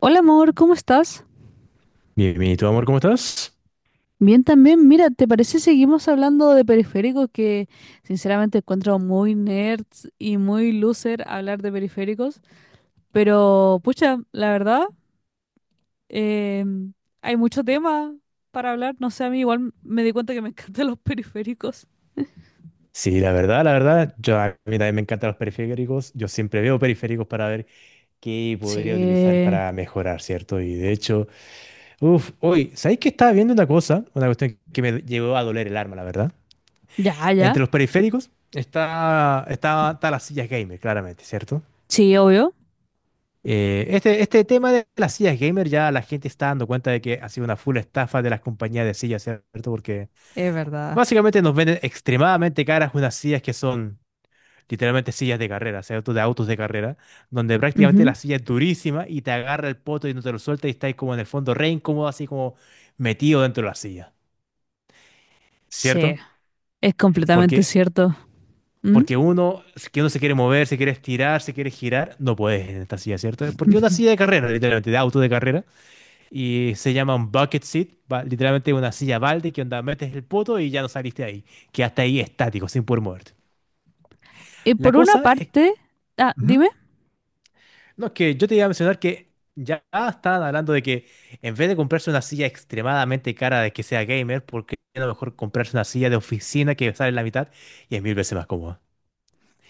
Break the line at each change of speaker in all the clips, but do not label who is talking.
Hola amor, ¿cómo estás?
Bien, bien, ¿y tú, amor, cómo estás?
Bien también, mira, ¿te parece seguimos hablando de periféricos que sinceramente encuentro muy nerds y muy loser hablar de periféricos? Pero pucha, la verdad, eh, hay mucho tema para hablar, no sé, a mí igual me di cuenta que me encantan los periféricos.
Sí, la verdad, yo a mí también me encantan los periféricos. Yo siempre veo periféricos para ver qué podría utilizar
Sí,
para mejorar, ¿cierto? Y de hecho, uff, hoy, ¿sabéis que estaba viendo una cosa? Una cuestión que me llegó a doler el alma, la verdad.
ya, ya,
Entre los periféricos está las sillas gamer, claramente, ¿cierto?
sí, obvio,
Este tema de las sillas gamer ya la gente está dando cuenta de que ha sido una full estafa de las compañías de sillas, ¿cierto? Porque
es verdad.
básicamente nos venden extremadamente caras unas sillas que son literalmente sillas de carrera, o sea, autos de carrera, donde prácticamente
Ujú.
la silla es durísima y te agarra el poto y no te lo suelta y estáis como en el fondo re incómodo, así como metido dentro de la silla,
Sí,
¿cierto?
es completamente
Porque,
cierto. ¿Mm?
porque uno, si que uno se quiere mover, se quiere estirar, se quiere girar, no puedes en esta silla, ¿cierto? Porque es una silla de carrera, literalmente, de auto de carrera, y se llama un bucket seat, literalmente una silla balde que onda metes el poto y ya no saliste de ahí, que hasta ahí estático, sin poder moverte.
Y
La
por una
cosa es.
parte, ah,
Ujú.
dime.
No, es que yo te iba a mencionar que ya estaban hablando de que en vez de comprarse una silla extremadamente cara de que sea gamer, porque a lo mejor comprarse una silla de oficina que sale la mitad y es mil veces más cómoda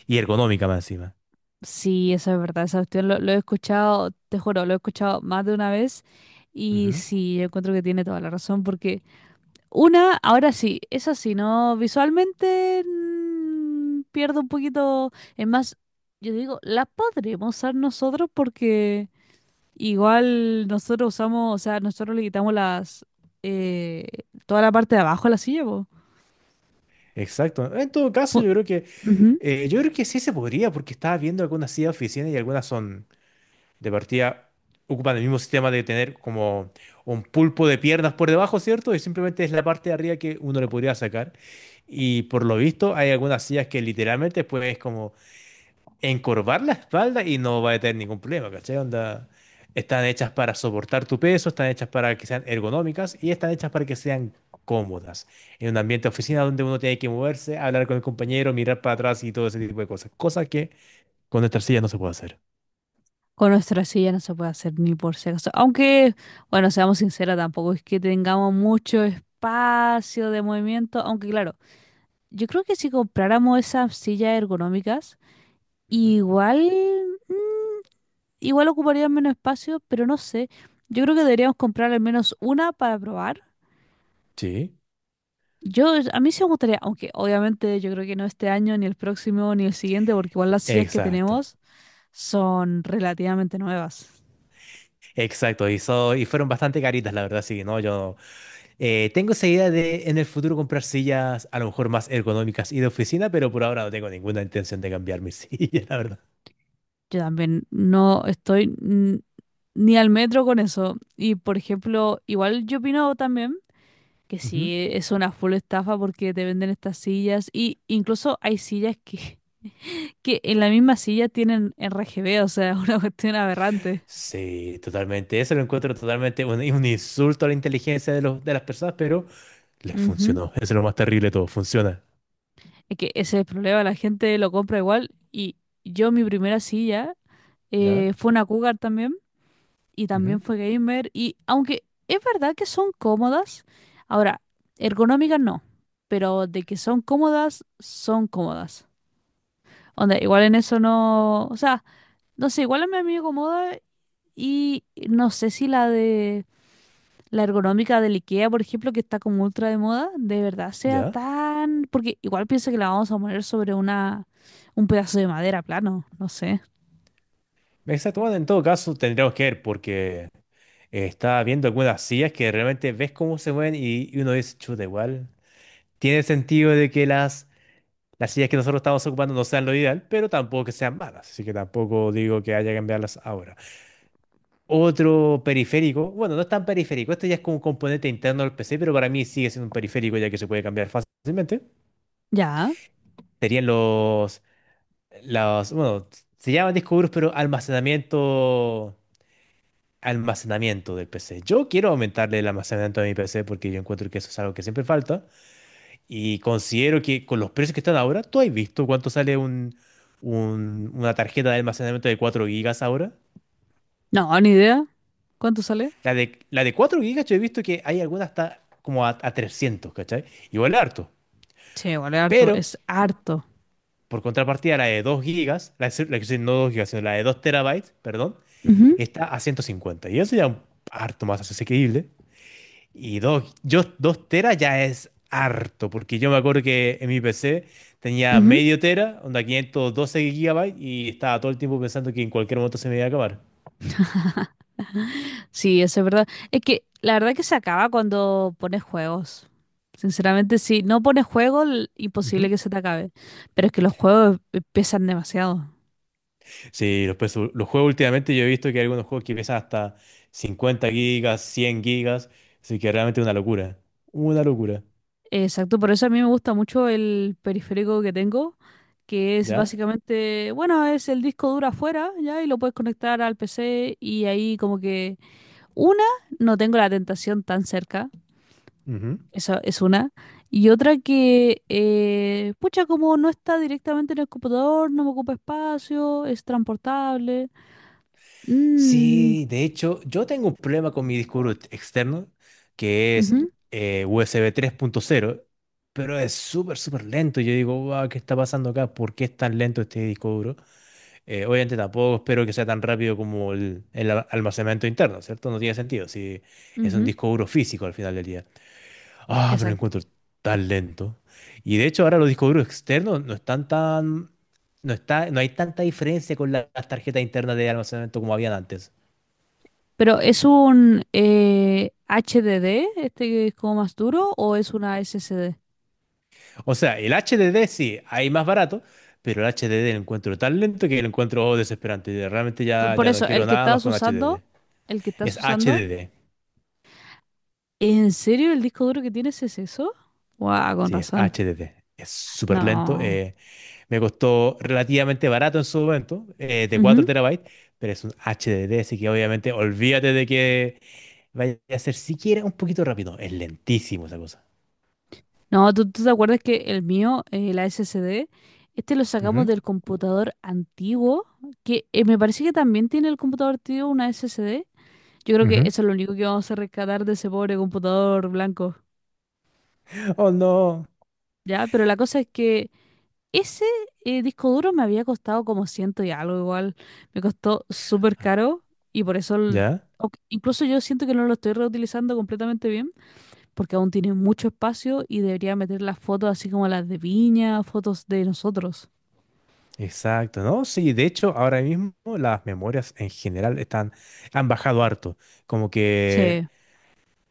y ergonómica más encima.
Sí, eso es verdad, esa cuestión lo he escuchado, te juro, lo he escuchado más de una vez y
Ujú.
sí, yo encuentro que tiene toda la razón porque una, ahora sí, es así, ¿no? Visualmente pierdo un poquito, es más, yo digo, la podremos usar nosotros porque igual nosotros usamos, o sea, nosotros le quitamos las, eh, toda la parte de abajo a la silla, po.
Exacto. En todo caso,
Pu-
yo creo que
Ujú.
eh, yo creo que sí se podría, porque estaba viendo algunas sillas de oficina y algunas son de partida ocupan el mismo sistema de tener como un pulpo de piernas por debajo, ¿cierto? Y simplemente es la parte de arriba que uno le podría sacar. Y por lo visto hay algunas sillas que literalmente puedes como encorvar la espalda y no va a tener ningún problema, ¿cachai? Onda, están hechas para soportar tu peso, están hechas para que sean ergonómicas y están hechas para que sean cómodas. En un ambiente de oficina donde uno tiene que moverse, hablar con el compañero, mirar para atrás y todo ese tipo de cosas. Cosa que con nuestras sillas no se puede hacer.
Con nuestra silla no se puede hacer ni por si acaso. Aunque, bueno, seamos sinceros, tampoco es que tengamos mucho espacio de movimiento. Aunque, claro, yo creo que si compráramos esas sillas ergonómicas,
Ujú.
igual, mm, igual ocuparían menos espacio, pero no sé. Yo creo que deberíamos comprar al menos una para probar.
Sí.
Yo, a mí sí me gustaría, aunque obviamente yo creo que no este año, ni el próximo, ni el siguiente, porque igual las sillas que
Exacto,
tenemos son relativamente nuevas.
exacto. Y, y fueron bastante caritas, la verdad, sí, ¿no? Yo tengo esa idea de en el futuro comprar sillas a lo mejor más ergonómicas y de oficina, pero por ahora no tengo ninguna intención de cambiar mi silla, la verdad.
Yo también no estoy ni al metro con eso. Y por ejemplo, igual yo opino también que
Ujú.
sí, es una full estafa porque te venden estas sillas y incluso hay sillas que, que en la misma silla tienen RGB, o sea, una cuestión aberrante.
Sí, totalmente. Eso lo encuentro totalmente un insulto a la inteligencia de las personas, pero les
Ujú.
funcionó. Eso es lo más terrible de todo, funciona.
Es que ese es el problema, la gente lo compra igual y yo mi primera silla
¿Ya?
fue una Cougar también y también
Ujú.
fue gamer. Y aunque es verdad que son cómodas, ahora, ergonómicas no, pero de que son cómodas, son cómodas. Onda, igual en eso no. O sea, no sé, igual a mí me acomoda y no sé si la de. La ergonómica del IKEA, por ejemplo, que está como ultra de moda, de verdad sea
¿Ya?
tan. Porque igual pienso que la vamos a poner sobre una. Un pedazo de madera plano, no sé.
Exacto. Bueno, en todo caso, tendríamos que ver porque está viendo algunas sillas que realmente ves cómo se mueven y uno dice, chuta, igual. Tiene sentido de que las sillas que nosotros estamos ocupando no sean lo ideal, pero tampoco que sean malas, así que tampoco digo que haya que cambiarlas ahora. Otro periférico, bueno, no es tan periférico, este ya es como un componente interno del PC, pero para mí sigue siendo un periférico ya que se puede cambiar fácilmente.
Ya.
Serían bueno, se llaman discos duros, pero almacenamiento del PC. Yo quiero aumentarle el almacenamiento de mi PC porque yo encuentro que eso es algo que siempre falta. Y considero que con los precios que están ahora, ¿tú has visto cuánto sale una tarjeta de almacenamiento de 4 gigas ahora?
No, ni idea. ¿Cuánto sale?
La de 4 gigas yo he visto que hay algunas hasta como a 300, ¿cachai? Igual es harto.
Sí, igual es harto,
Pero,
es harto.
por contrapartida, la de 2 gigas, la que no 2 gigas, sino la de 2 terabytes, perdón,
Ujú.
está a 150. Y eso ya es harto más asequible. Y 2 teras ya es harto, porque yo me acuerdo que en mi PC tenía
Ujú.
medio tera, onda 512 gigabytes, y estaba todo el tiempo pensando que en cualquier momento se me iba a acabar.
Sí, eso es verdad. Es que la verdad que se acaba cuando pones juegos. Sinceramente, si no pones juegos, imposible
Ujú.
que se te acabe. Pero es que los juegos pesan demasiado.
Sí, los juegos últimamente yo he visto que hay algunos juegos que pesan hasta 50 gigas, 100 gigas, así que realmente es una locura. Una locura.
Exacto, por eso a mí me gusta mucho el periférico que tengo, que es
¿Ya?
básicamente, bueno, es el disco duro afuera, ya, y lo puedes conectar al PC y ahí como que, una, no tengo la tentación tan cerca. Esa es una. Y otra que, pucha, como no está directamente en el computador, no me ocupa espacio, es transportable. Mm,
Sí, de hecho, yo tengo un problema con mi disco duro externo, que es
ujú,
U S B 3.0, pero es súper, súper lento. Y yo digo, wow, ¿qué está pasando acá? ¿Por qué es tan lento este disco duro? Obviamente tampoco espero que sea tan rápido como almacenamiento interno, ¿cierto? No tiene sentido si es un
ujú,
disco duro físico al final del día. Ah, pero lo
exacto.
encuentro tan lento. Y de hecho ahora los discos duros externos no están tan. No está, no hay tanta diferencia con las tarjetas internas de almacenamiento como habían antes.
Pero ¿es un HDD, este que es como más duro, o es una SSD?
O sea, el HDD sí, hay más barato, pero el HDD lo encuentro tan lento que lo encuentro desesperante. Y realmente
Por
ya no
eso, el
quiero
que
nada más
estás
con
usando,
HDD.
el que estás
Es
usando,
HDD.
¿en serio el disco duro que tienes es eso? Guau, con
Sí, es
razón.
HDD. Es súper lento.
No.
Me costó relativamente barato en su momento, de 4 terabytes, pero es un HDD, así que obviamente olvídate de que vaya a ser siquiera un poquito rápido. Es lentísimo esa cosa.
No, ¿tú, tú te acuerdas que el mío, la SSD, este lo sacamos
Ujú,
del computador antiguo, que me parece que también tiene el computador antiguo una SSD. Yo creo que
ujú.
eso es lo único que vamos a rescatar de ese pobre computador blanco,
Ujú. Oh, no.
¿ya? Pero la cosa es que ese disco duro me había costado como ciento y algo igual. Me costó súper caro y por eso,
¿Ya?
incluso yo siento que no lo estoy reutilizando completamente porque aún tiene mucho espacio y debería meter las fotos así como las de Viña, fotos de nosotros.
Exacto, ¿no? Sí, de hecho, ahora mismo las memorias en general están, han bajado harto. Como que
Sí.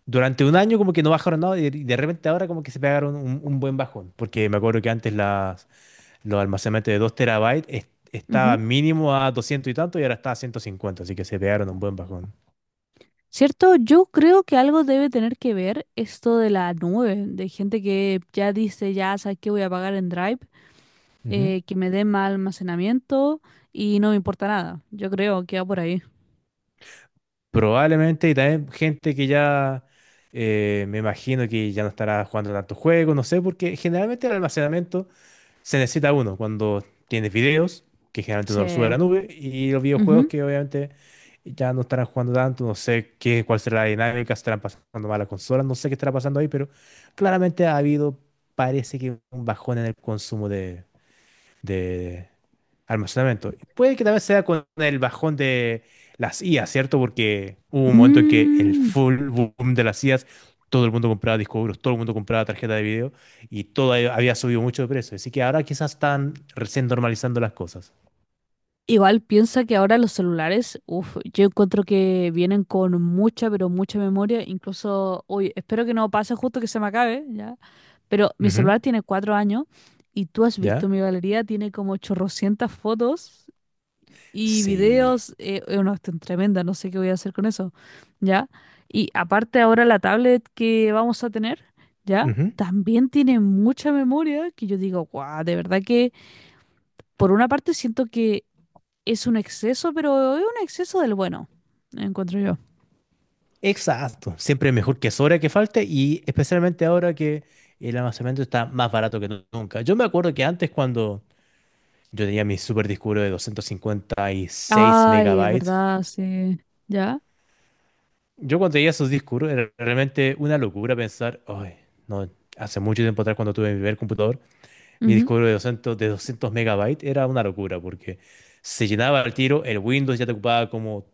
durante un año como que no bajaron nada y de repente ahora como que se pegaron un buen bajón. Porque me acuerdo que antes los almacenamientos de 2 terabytes estaba
Ujú.
mínimo a 200 y tanto y ahora está a 150, así que se pegaron un buen bajón.
Cierto, yo creo que algo debe tener que ver esto de la nube, de gente que ya dice, ya sabes que voy a pagar en Drive,
Ujú.
que me dé más almacenamiento y no me importa nada. Yo creo que va por ahí.
Probablemente, y también gente que ya me imagino que ya no estará jugando tantos juegos, no sé, porque generalmente el almacenamiento se necesita uno cuando tienes videos, que generalmente
Sí.
uno los sube a la nube, y los videojuegos
Ujú.
que obviamente ya no estarán jugando tanto, no sé qué, cuál será la dinámica, estarán pasando mal las consolas, no sé qué estará pasando ahí, pero claramente ha habido, parece que un bajón en el consumo de almacenamiento. Puede que también sea con el bajón de las IAs, ¿cierto? Porque hubo un momento en que el
Mm,
full boom de las IAs, todo el mundo compraba discos duros, todo el mundo compraba tarjeta de video y todo ahí había subido mucho de precio. Así que ahora quizás están recién normalizando las cosas.
Igual piensa que ahora los celulares, uf, yo encuentro que vienen con mucha, pero mucha memoria. Incluso, uy, espero que no pase justo que se me acabe, ya. Pero mi
Ujú.
celular tiene 4 años y tú has visto
¿Ya?
mi galería, tiene como chorrocientas fotos y
Sí.
videos. No, están tremendas, no sé qué voy a hacer con eso, ya. Y aparte ahora la tablet que vamos a tener, ya,
Ujú.
también tiene mucha memoria que yo digo, guau, de verdad que por una parte siento que es un exceso, pero es un exceso del bueno, encuentro yo.
Exacto. Siempre es mejor que sobra que falte y especialmente ahora que el almacenamiento está más barato que nunca. Yo me acuerdo que antes cuando yo tenía mi super disco duro de 256
Ay,
megabytes.
¿verdad? Sí. ¿Ya?
Yo cuando tenía esos discos duros, era realmente una locura pensar, ay, no, hace mucho tiempo atrás cuando tuve mi primer computador, mi
Ujú.
disco duro de 200 megabytes era una locura porque se llenaba al tiro, el Windows ya te ocupaba como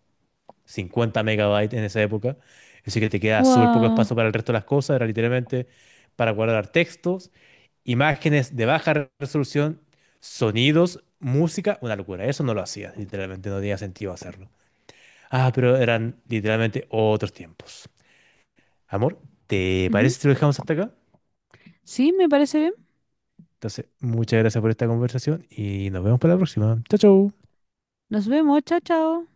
50 megabytes en esa época, así que te queda súper poco
Guau.
espacio para el resto de las cosas, era literalmente para guardar textos, imágenes de baja resolución, sonidos, música, una locura. Eso no lo hacía, literalmente no tenía sentido hacerlo. Ah, pero eran literalmente otros tiempos. Amor, ¿te
Ujú.
parece si lo dejamos hasta acá?
Sí, me parece bien.
Entonces, muchas gracias por esta conversación y nos vemos para la próxima. Chao, chao.
Nos vemos. Chao, chao.